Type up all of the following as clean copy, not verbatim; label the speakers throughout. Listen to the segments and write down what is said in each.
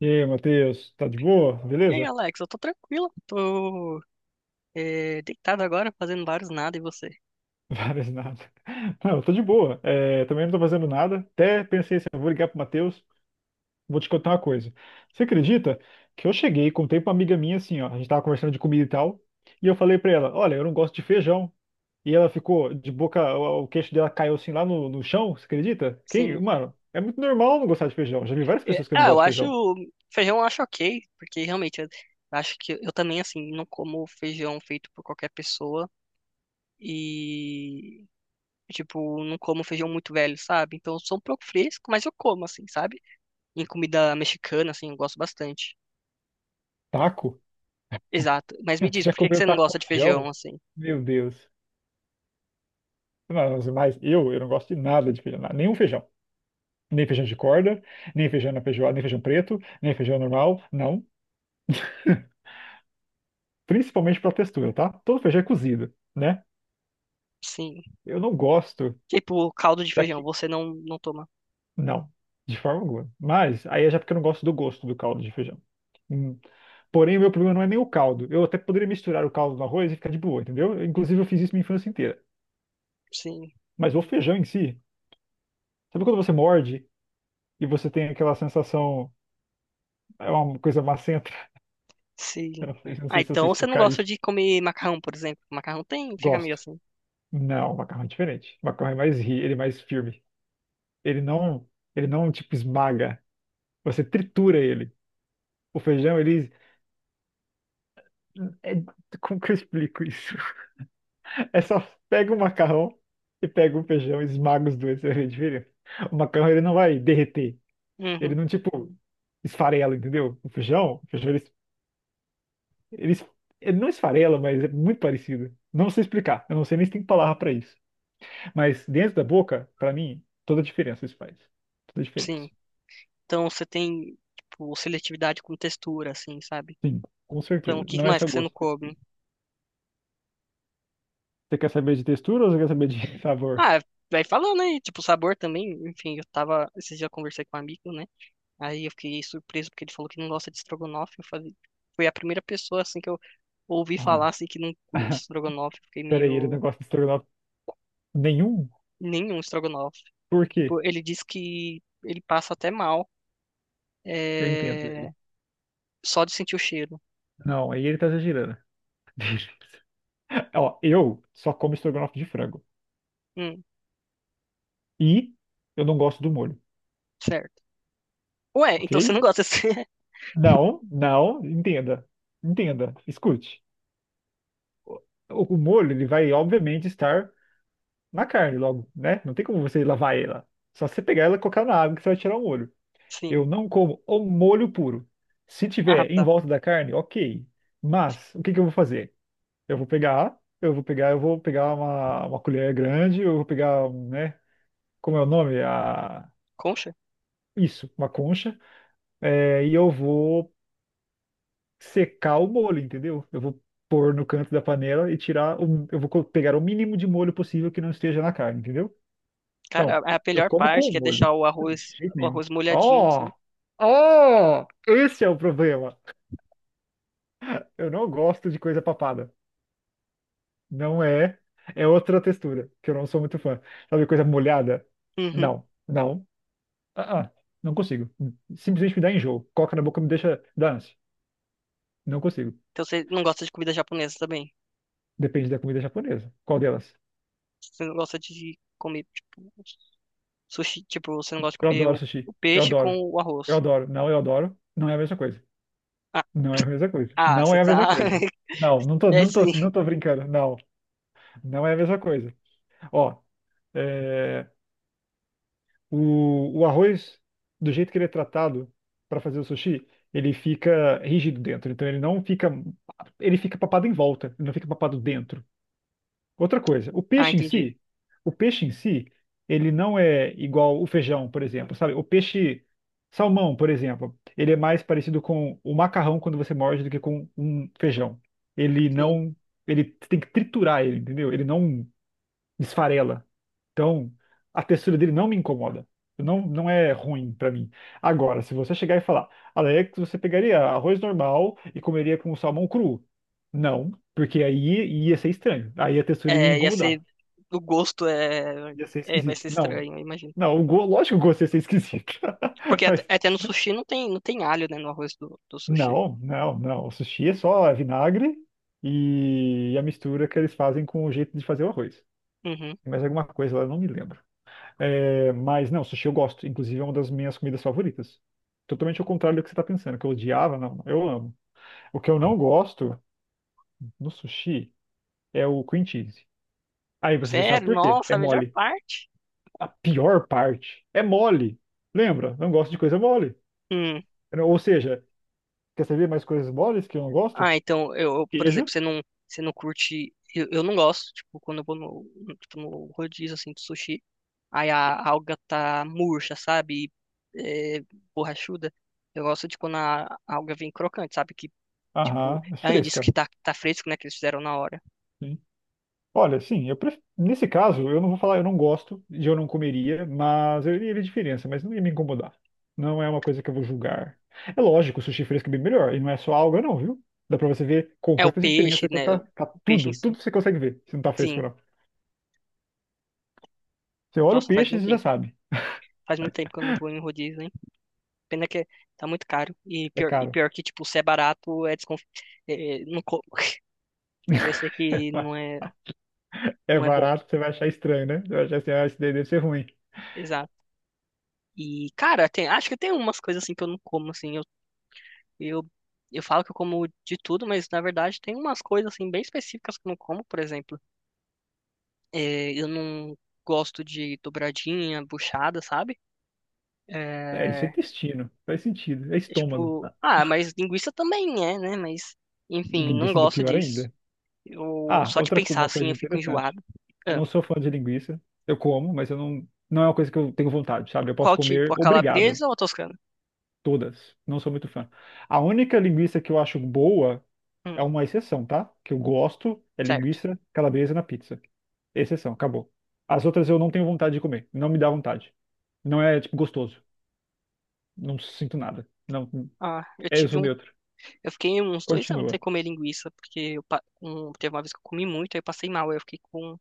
Speaker 1: E aí, Matheus, tá de boa?
Speaker 2: E aí,
Speaker 1: Beleza?
Speaker 2: Alex, eu tô tranquilo, tô deitado agora, fazendo vários nada, e você?
Speaker 1: Várias nada. Não, eu tô de boa. É, também não tô fazendo nada. Até pensei assim, eu vou ligar pro Matheus, vou te contar uma coisa. Você acredita que eu cheguei, e contei pra uma amiga minha assim, ó, a gente tava conversando de comida e tal, e eu falei pra ela, olha, eu não gosto de feijão. E ela ficou de boca, o queixo dela caiu assim lá no chão, você acredita? Quem,
Speaker 2: Sim.
Speaker 1: mano, é muito normal não gostar de feijão. Já vi várias
Speaker 2: É,
Speaker 1: pessoas que não
Speaker 2: ah,
Speaker 1: gostam
Speaker 2: eu
Speaker 1: de
Speaker 2: acho,
Speaker 1: feijão.
Speaker 2: feijão eu acho ok, porque realmente eu acho que eu também, assim, não como feijão feito por qualquer pessoa e, tipo, não como feijão muito velho, sabe? Então eu sou um pouco fresco, mas eu como, assim, sabe? Em comida mexicana, assim, eu gosto bastante.
Speaker 1: Taco?
Speaker 2: Exato. Mas me
Speaker 1: Você
Speaker 2: diz,
Speaker 1: já
Speaker 2: por que que
Speaker 1: comeu
Speaker 2: você não
Speaker 1: taco com
Speaker 2: gosta de feijão,
Speaker 1: feijão?
Speaker 2: assim?
Speaker 1: Meu Deus. Não, mas eu não gosto de nada de feijão, nenhum feijão. Nem feijão de corda, nem feijão na feijoada, nem feijão preto, nem feijão normal, não. Principalmente pela textura, tá? Todo feijão é cozido, né?
Speaker 2: Sim.
Speaker 1: Eu não gosto
Speaker 2: Tipo, caldo de feijão,
Speaker 1: daqui.
Speaker 2: você não toma.
Speaker 1: Não, de forma alguma. Mas aí é já porque eu não gosto do gosto do caldo de feijão. Hum. Porém, o meu problema não é nem o caldo. Eu até poderia misturar o caldo no arroz e ficar de boa, entendeu? Inclusive, eu fiz isso minha infância inteira.
Speaker 2: Sim.
Speaker 1: Mas o feijão em si, sabe quando você morde e você tem aquela sensação, é uma coisa macenta?
Speaker 2: Sim.
Speaker 1: Eu não sei, não
Speaker 2: Ah,
Speaker 1: sei se eu sei
Speaker 2: então você não
Speaker 1: explicar
Speaker 2: gosta
Speaker 1: isso.
Speaker 2: de comer macarrão, por exemplo. Macarrão tem, fica meio
Speaker 1: Gosto.
Speaker 2: assim.
Speaker 1: Não, o macarrão é diferente. O macarrão é mais rígido, ele é mais firme. Ele não, ele não tipo esmaga. Você tritura ele. O feijão, ele é- como que eu explico isso? É só pega o macarrão e pega o feijão, esmaga os dois, você vê a diferença. O macarrão ele não vai derreter.
Speaker 2: Uhum,
Speaker 1: Ele não tipo esfarela, entendeu? O feijão, o feijão ele, ele, ele não esfarela, mas é muito parecido. Não sei explicar. Eu não sei nem se tem palavra pra isso. Mas dentro da boca, pra mim, toda a diferença isso faz. Toda a diferença.
Speaker 2: sim. Então você tem, tipo, seletividade com textura, assim, sabe?
Speaker 1: Sim, com
Speaker 2: Então o
Speaker 1: certeza.
Speaker 2: que
Speaker 1: Não é
Speaker 2: mais
Speaker 1: só
Speaker 2: que você não
Speaker 1: gosto. Você
Speaker 2: come?
Speaker 1: quer saber de textura ou você quer saber de sabor?
Speaker 2: Ah, vai falando aí, tipo, sabor também. Enfim, esses dias eu conversei com um amigo, né? Aí eu fiquei surpreso porque ele falou que não gosta de estrogonofe. Eu falei, foi a primeira pessoa, assim, que eu ouvi falar,
Speaker 1: Ah.
Speaker 2: assim, que não curte estrogonofe. Eu fiquei
Speaker 1: Pera aí, ele
Speaker 2: meio,
Speaker 1: não gosta de estrogonofe nenhum?
Speaker 2: nenhum estrogonofe.
Speaker 1: Por quê?
Speaker 2: Tipo, ele disse que ele passa até mal.
Speaker 1: Eu entendo
Speaker 2: eh,
Speaker 1: ele.
Speaker 2: Só de sentir o cheiro.
Speaker 1: Não, aí ele tá exagerando. Ó, eu só como estrogonofe de frango.
Speaker 2: Hum,
Speaker 1: E eu não gosto do molho,
Speaker 2: certo. Ué,
Speaker 1: ok?
Speaker 2: então você não gosta assim?
Speaker 1: Não, não, entenda. Entenda, escute. O, o molho, ele vai, obviamente, estar na carne logo, né? Não tem como você lavar ela. Só você pegar ela e colocar na água que você vai tirar o molho.
Speaker 2: Sim.
Speaker 1: Eu não como o molho puro. Se
Speaker 2: Ah,
Speaker 1: tiver em
Speaker 2: tá.
Speaker 1: volta da carne, ok. Mas o que que eu vou fazer? Eu vou pegar, eu vou pegar, eu vou pegar uma colher grande, eu vou pegar, um, né? Como é o nome? A...
Speaker 2: Concha?
Speaker 1: Isso, uma concha. É, e eu vou secar o molho, entendeu? Eu vou pôr no canto da panela e tirar o, eu vou co- pegar o mínimo de molho possível que não esteja na carne, entendeu?
Speaker 2: Cara,
Speaker 1: Então,
Speaker 2: a
Speaker 1: eu
Speaker 2: melhor
Speaker 1: como com
Speaker 2: parte
Speaker 1: o
Speaker 2: que é
Speaker 1: molho.
Speaker 2: deixar
Speaker 1: Não, de jeito
Speaker 2: o
Speaker 1: nenhum.
Speaker 2: arroz molhadinho, assim.
Speaker 1: Ó! Ó! Esse é o problema. Eu não gosto de coisa papada. Não é. É outra textura, que eu não sou muito fã. Sabe, coisa molhada?
Speaker 2: Uhum.
Speaker 1: Não, não. Ah, ah, não consigo. Simplesmente me dá enjoo. Coca na boca me deixa dar ânsia. Não consigo.
Speaker 2: Então você não gosta de comida japonesa também?
Speaker 1: Depende da comida japonesa. Qual delas?
Speaker 2: Você não gosta de comer, tipo, sushi, tipo, você não gosta de
Speaker 1: Eu
Speaker 2: comer
Speaker 1: adoro
Speaker 2: o
Speaker 1: sushi. Eu
Speaker 2: peixe com
Speaker 1: adoro.
Speaker 2: o
Speaker 1: Eu
Speaker 2: arroz.
Speaker 1: adoro. Não, eu adoro. Não é a mesma coisa.
Speaker 2: Ah,
Speaker 1: Não é a mesma coisa.
Speaker 2: ah,
Speaker 1: Não
Speaker 2: você
Speaker 1: é a mesma
Speaker 2: tá.
Speaker 1: coisa. Não, não tô,
Speaker 2: É
Speaker 1: não tô,
Speaker 2: sim.
Speaker 1: não tô brincando. Não. Não é a mesma coisa. Ó, é, o arroz, do jeito que ele é tratado para fazer o sushi, ele fica rígido dentro. Então ele não fica. Ele fica papado em volta, ele não fica papado dentro. Outra coisa, o
Speaker 2: Ah,
Speaker 1: peixe em
Speaker 2: entendi.
Speaker 1: si, o peixe em si, ele não é igual o feijão, por exemplo, sabe? O peixe salmão, por exemplo, ele é mais parecido com o macarrão quando você morde do que com um feijão. Ele
Speaker 2: Sim.
Speaker 1: não. Ele tem que triturar ele, entendeu? Ele não esfarela. Então, a textura dele não me incomoda. Não, não é ruim pra mim. Agora, se você chegar e falar, Alex, você pegaria arroz normal e comeria com salmão cru? Não, porque aí ia ser estranho. Aí a textura ia
Speaker 2: É, ia ser.
Speaker 1: incomodar.
Speaker 2: O gosto é,
Speaker 1: Ia ser
Speaker 2: é. Vai
Speaker 1: esquisito.
Speaker 2: ser
Speaker 1: Não.
Speaker 2: estranho, eu imagino.
Speaker 1: Não, o go... lógico que o gosto ia ser esquisito.
Speaker 2: Porque
Speaker 1: Mas
Speaker 2: até no sushi não tem, não tem alho, né? No arroz do sushi.
Speaker 1: não. O sushi é só vinagre e a mistura que eles fazem com o jeito de fazer o arroz.
Speaker 2: Uhum.
Speaker 1: Mais alguma coisa lá, eu não me lembro. É, mas não, sushi eu gosto. Inclusive é uma das minhas comidas favoritas. Totalmente ao contrário do que você está pensando, que eu odiava, não, eu amo. O que eu não gosto no sushi é o cream cheese. Aí você já sabe
Speaker 2: Sério?
Speaker 1: por quê.
Speaker 2: Nossa,
Speaker 1: É
Speaker 2: a melhor
Speaker 1: mole.
Speaker 2: parte.
Speaker 1: A pior parte é mole. Lembra? Não gosto de coisa mole.
Speaker 2: Hum.
Speaker 1: Ou seja, quer saber mais coisas moles que eu não gosto?
Speaker 2: Ah, então, eu, por exemplo,
Speaker 1: Queijo.
Speaker 2: você não curte. Eu não gosto, tipo, quando eu vou tipo, no rodízio assim de sushi, aí a alga tá murcha, sabe? E, é, borrachuda. Eu gosto de quando a alga vem crocante, sabe? Que, tipo,
Speaker 1: Aham,
Speaker 2: além disso que
Speaker 1: fresca.
Speaker 2: tá fresco, né? Que eles fizeram na hora.
Speaker 1: Olha, sim, eu pref- nesse caso, eu não vou falar, eu não gosto e eu não comeria, mas eu iria ver diferença, mas não ia me incomodar. Não é uma coisa que eu vou julgar. É lógico, o sushi fresco é bem melhor, e não é só alga, não, viu? Dá pra você ver
Speaker 2: É o
Speaker 1: completa
Speaker 2: peixe,
Speaker 1: diferença quando
Speaker 2: né?
Speaker 1: tá,
Speaker 2: O
Speaker 1: tá
Speaker 2: peixe em
Speaker 1: tudo,
Speaker 2: si.
Speaker 1: tudo você consegue ver, se não tá fresco
Speaker 2: Sim.
Speaker 1: ou não. Você olha o
Speaker 2: Nossa, faz
Speaker 1: peixe
Speaker 2: muito
Speaker 1: e já
Speaker 2: tempo.
Speaker 1: sabe,
Speaker 2: Faz muito tempo que eu não vou em rodízio, hein? Pena que tá muito caro.
Speaker 1: é
Speaker 2: E
Speaker 1: caro.
Speaker 2: pior que, tipo, se é barato, é desconf... é, é, não como. Porque eu sei que
Speaker 1: É
Speaker 2: não é bom.
Speaker 1: barato, você vai achar estranho, né? Você vai achar assim, ah, isso daí deve ser ruim.
Speaker 2: Exato. E, cara, tem, acho que tem umas coisas assim que eu não como, assim. Eu, eu falo que eu como de tudo, mas na verdade tem umas coisas assim bem específicas que eu não como, por exemplo. Eu não gosto de dobradinha, buchada, sabe?
Speaker 1: É, isso é
Speaker 2: É,
Speaker 1: intestino, faz sentido, é
Speaker 2: é
Speaker 1: estômago.
Speaker 2: tipo,
Speaker 1: Ah,
Speaker 2: ah, mas linguiça também é, né? Mas, enfim, não
Speaker 1: Linguiça ainda é
Speaker 2: gosto
Speaker 1: pior
Speaker 2: disso.
Speaker 1: ainda.
Speaker 2: Eu,
Speaker 1: Ah,
Speaker 2: só de
Speaker 1: outra co-
Speaker 2: pensar
Speaker 1: uma
Speaker 2: assim
Speaker 1: coisa
Speaker 2: eu fico
Speaker 1: interessante.
Speaker 2: enjoado.
Speaker 1: Não sou fã de linguiça. Eu como, mas eu não, não é uma coisa que eu tenho vontade, sabe? Eu posso
Speaker 2: Qual
Speaker 1: comer,
Speaker 2: tipo? A
Speaker 1: obrigado,
Speaker 2: calabresa ou a toscana?
Speaker 1: todas. Não sou muito fã. A única linguiça que eu acho boa é
Speaker 2: Hum,
Speaker 1: uma exceção, tá? Que eu gosto é
Speaker 2: certo.
Speaker 1: linguiça calabresa na pizza. Exceção, acabou. As outras eu não tenho vontade de comer. Não me dá vontade. Não é, tipo, gostoso. Não sinto nada. Não,
Speaker 2: Ah, eu
Speaker 1: é, eu
Speaker 2: tive
Speaker 1: sou
Speaker 2: um.
Speaker 1: neutro.
Speaker 2: Eu fiquei uns dois anos
Speaker 1: Continua.
Speaker 2: sem comer linguiça, porque teve uma vez que eu comi muito, aí eu passei mal, aí eu fiquei com,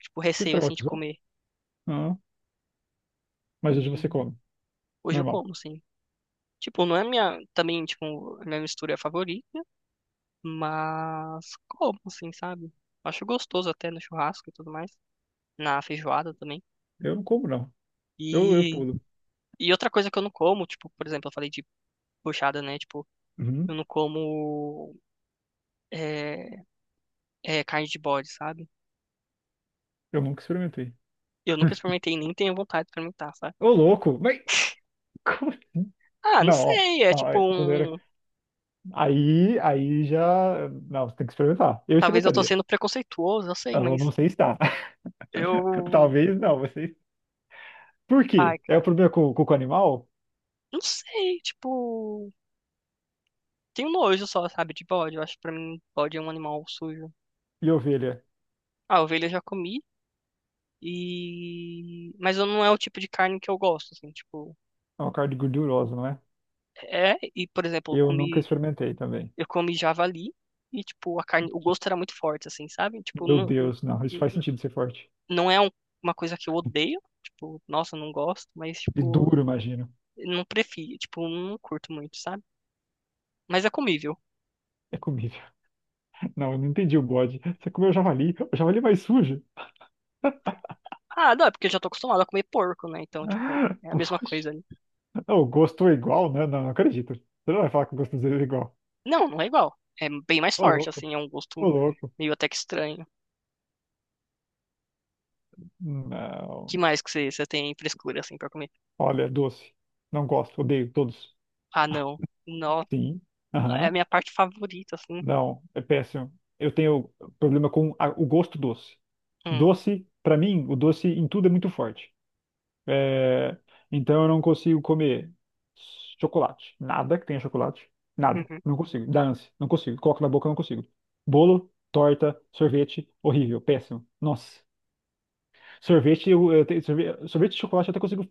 Speaker 2: tipo,
Speaker 1: Você
Speaker 2: receio, assim, de
Speaker 1: traumatizou?
Speaker 2: comer.
Speaker 1: Não, mas hoje você
Speaker 2: E
Speaker 1: come.
Speaker 2: hoje eu
Speaker 1: Normal.
Speaker 2: como, assim. Tipo, não é minha, também, tipo, a minha mistura favorita, mas como, assim, sabe? Acho gostoso até no churrasco e tudo mais, na feijoada também.
Speaker 1: Eu não como, não. Eu
Speaker 2: E,
Speaker 1: pulo.
Speaker 2: e outra coisa que eu não como, tipo, por exemplo, eu falei de buchada, né? Tipo, eu
Speaker 1: Uhum.
Speaker 2: não como. é, é, carne de bode, sabe?
Speaker 1: Eu nunca experimentei.
Speaker 2: Eu nunca experimentei, nem tenho vontade de experimentar, sabe?
Speaker 1: Ô, louco, mas como assim?
Speaker 2: Ah, não
Speaker 1: Não, ó,
Speaker 2: sei, é
Speaker 1: ó,
Speaker 2: tipo
Speaker 1: é, quando eu era.
Speaker 2: um.
Speaker 1: Aí, aí já. Não, você tem que experimentar. Eu
Speaker 2: Talvez eu tô
Speaker 1: experimentaria.
Speaker 2: sendo preconceituoso, eu sei,
Speaker 1: Eu
Speaker 2: mas
Speaker 1: não sei se dá.
Speaker 2: eu.
Speaker 1: Talvez não, vocês. Por
Speaker 2: Ai,
Speaker 1: quê? É o
Speaker 2: cara,
Speaker 1: problema com o animal
Speaker 2: não sei, tipo. Tenho nojo só, sabe, de bode. Eu acho que pra mim bode é um animal sujo.
Speaker 1: e ovelha.
Speaker 2: Ah, ovelha eu já comi. E. Mas eu- não é o tipo de carne que eu gosto, assim, tipo.
Speaker 1: É uma carne gordurosa, não é?
Speaker 2: É, e por exemplo,
Speaker 1: Eu nunca experimentei também.
Speaker 2: eu comi javali. E, tipo, a carne, o gosto era muito forte, assim, sabe? Tipo,
Speaker 1: Meu
Speaker 2: não,
Speaker 1: Deus, não, isso faz sentido ser forte.
Speaker 2: não é um- uma coisa que eu odeio, tipo, nossa, não gosto, mas,
Speaker 1: E
Speaker 2: tipo,
Speaker 1: duro, imagino.
Speaker 2: não prefiro, tipo, não curto muito, sabe? Mas é comível.
Speaker 1: É comível. Não, eu não entendi o bode. Você comeu javali? O javali é mais sujo?
Speaker 2: Ah, não, é porque eu já tô acostumado a comer porco, né? Então, tipo,
Speaker 1: Ah,
Speaker 2: é a
Speaker 1: O
Speaker 2: mesma coisa
Speaker 1: bode.
Speaker 2: ali.
Speaker 1: Não, o gosto é igual, né? Não, não acredito. Você não vai falar que o gosto dele é igual.
Speaker 2: Não, não é igual. É bem mais
Speaker 1: Ô
Speaker 2: forte,
Speaker 1: louco,
Speaker 2: assim, é um
Speaker 1: ô
Speaker 2: gosto
Speaker 1: louco.
Speaker 2: meio até que estranho. Que
Speaker 1: Não.
Speaker 2: mais que você, você tem frescura, assim, pra comer?
Speaker 1: Olha, doce. Não gosto, odeio todos.
Speaker 2: Ah, não. Não,
Speaker 1: Sim.
Speaker 2: é a
Speaker 1: Aham.
Speaker 2: minha parte favorita, assim.
Speaker 1: Não, é péssimo. Eu tenho problema com a- o gosto doce.
Speaker 2: Hum,
Speaker 1: Doce, pra mim, o doce em tudo é muito forte. É, então eu não consigo comer chocolate. Nada que tenha chocolate. Nada.
Speaker 2: uhum.
Speaker 1: Não consigo. Dá ânsia. Não consigo. Coloco na boca, não consigo. Bolo, torta, sorvete, horrível, péssimo. Nossa. Sorvete, eu tenho, sorvete de chocolate eu até consigo.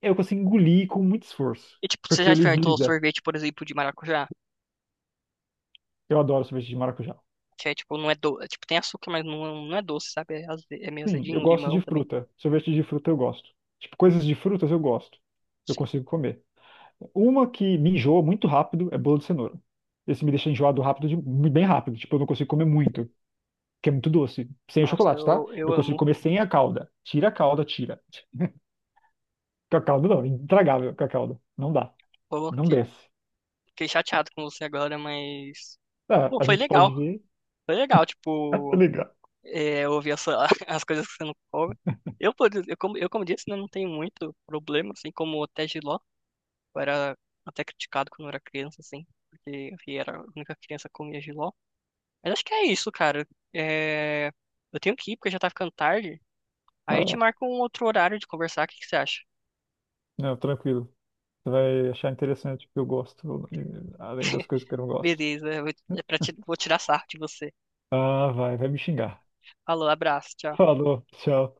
Speaker 1: Eu consigo engolir com muito esforço,
Speaker 2: E, tipo, você
Speaker 1: porque
Speaker 2: já
Speaker 1: ele
Speaker 2: experimentou
Speaker 1: desliza.
Speaker 2: sorvete, por exemplo, de maracujá?
Speaker 1: Eu adoro sorvete de maracujá.
Speaker 2: Que é, tipo, não é doce. Tipo, tem açúcar, mas não é doce, sabe? É, aze- é meio
Speaker 1: Sim, eu
Speaker 2: azedinho,
Speaker 1: gosto
Speaker 2: limão
Speaker 1: de
Speaker 2: também.
Speaker 1: fruta. Sorvete de fruta eu gosto. Tipo, coisas de frutas eu gosto. Eu
Speaker 2: Sim.
Speaker 1: consigo comer. Uma que me enjoa muito rápido é bolo de cenoura. Esse me deixa enjoado rápido, de- bem rápido. Tipo, eu não consigo comer muito, porque é muito doce. Sem o
Speaker 2: Nossa,
Speaker 1: chocolate, tá?
Speaker 2: eu
Speaker 1: Eu consigo
Speaker 2: amo.
Speaker 1: comer sem a calda. Tira a calda, tira. Com a calda não, é intragável com a calda. Não dá.
Speaker 2: Pô,
Speaker 1: Não
Speaker 2: que-
Speaker 1: desce.
Speaker 2: fiquei chateado com você agora, mas.
Speaker 1: Ah,
Speaker 2: Pô,
Speaker 1: a
Speaker 2: foi
Speaker 1: gente
Speaker 2: legal.
Speaker 1: pode ver.
Speaker 2: Foi legal, tipo, é, ouvir a sua- as coisas que você não come. Eu, por ex- eu, como disse, né, não tenho muito problema, assim, como até jiló. Eu era até criticado quando eu era criança, assim, porque eu era a única criança que comia jiló. Mas acho que é isso, cara. É, eu tenho que ir, porque já tá ficando tarde.
Speaker 1: Ah,
Speaker 2: Aí eu te
Speaker 1: legal.
Speaker 2: marco um outro horário de conversar, o que que você acha?
Speaker 1: Não, tranquilo. Você vai achar interessante o que eu gosto, e- além das coisas que eu não gosto.
Speaker 2: Beleza, eu vou, é pra ti- vou tirar sarro de você.
Speaker 1: Ah, vai, vai me xingar.
Speaker 2: Falou, abraço, tchau.
Speaker 1: Falou, tchau.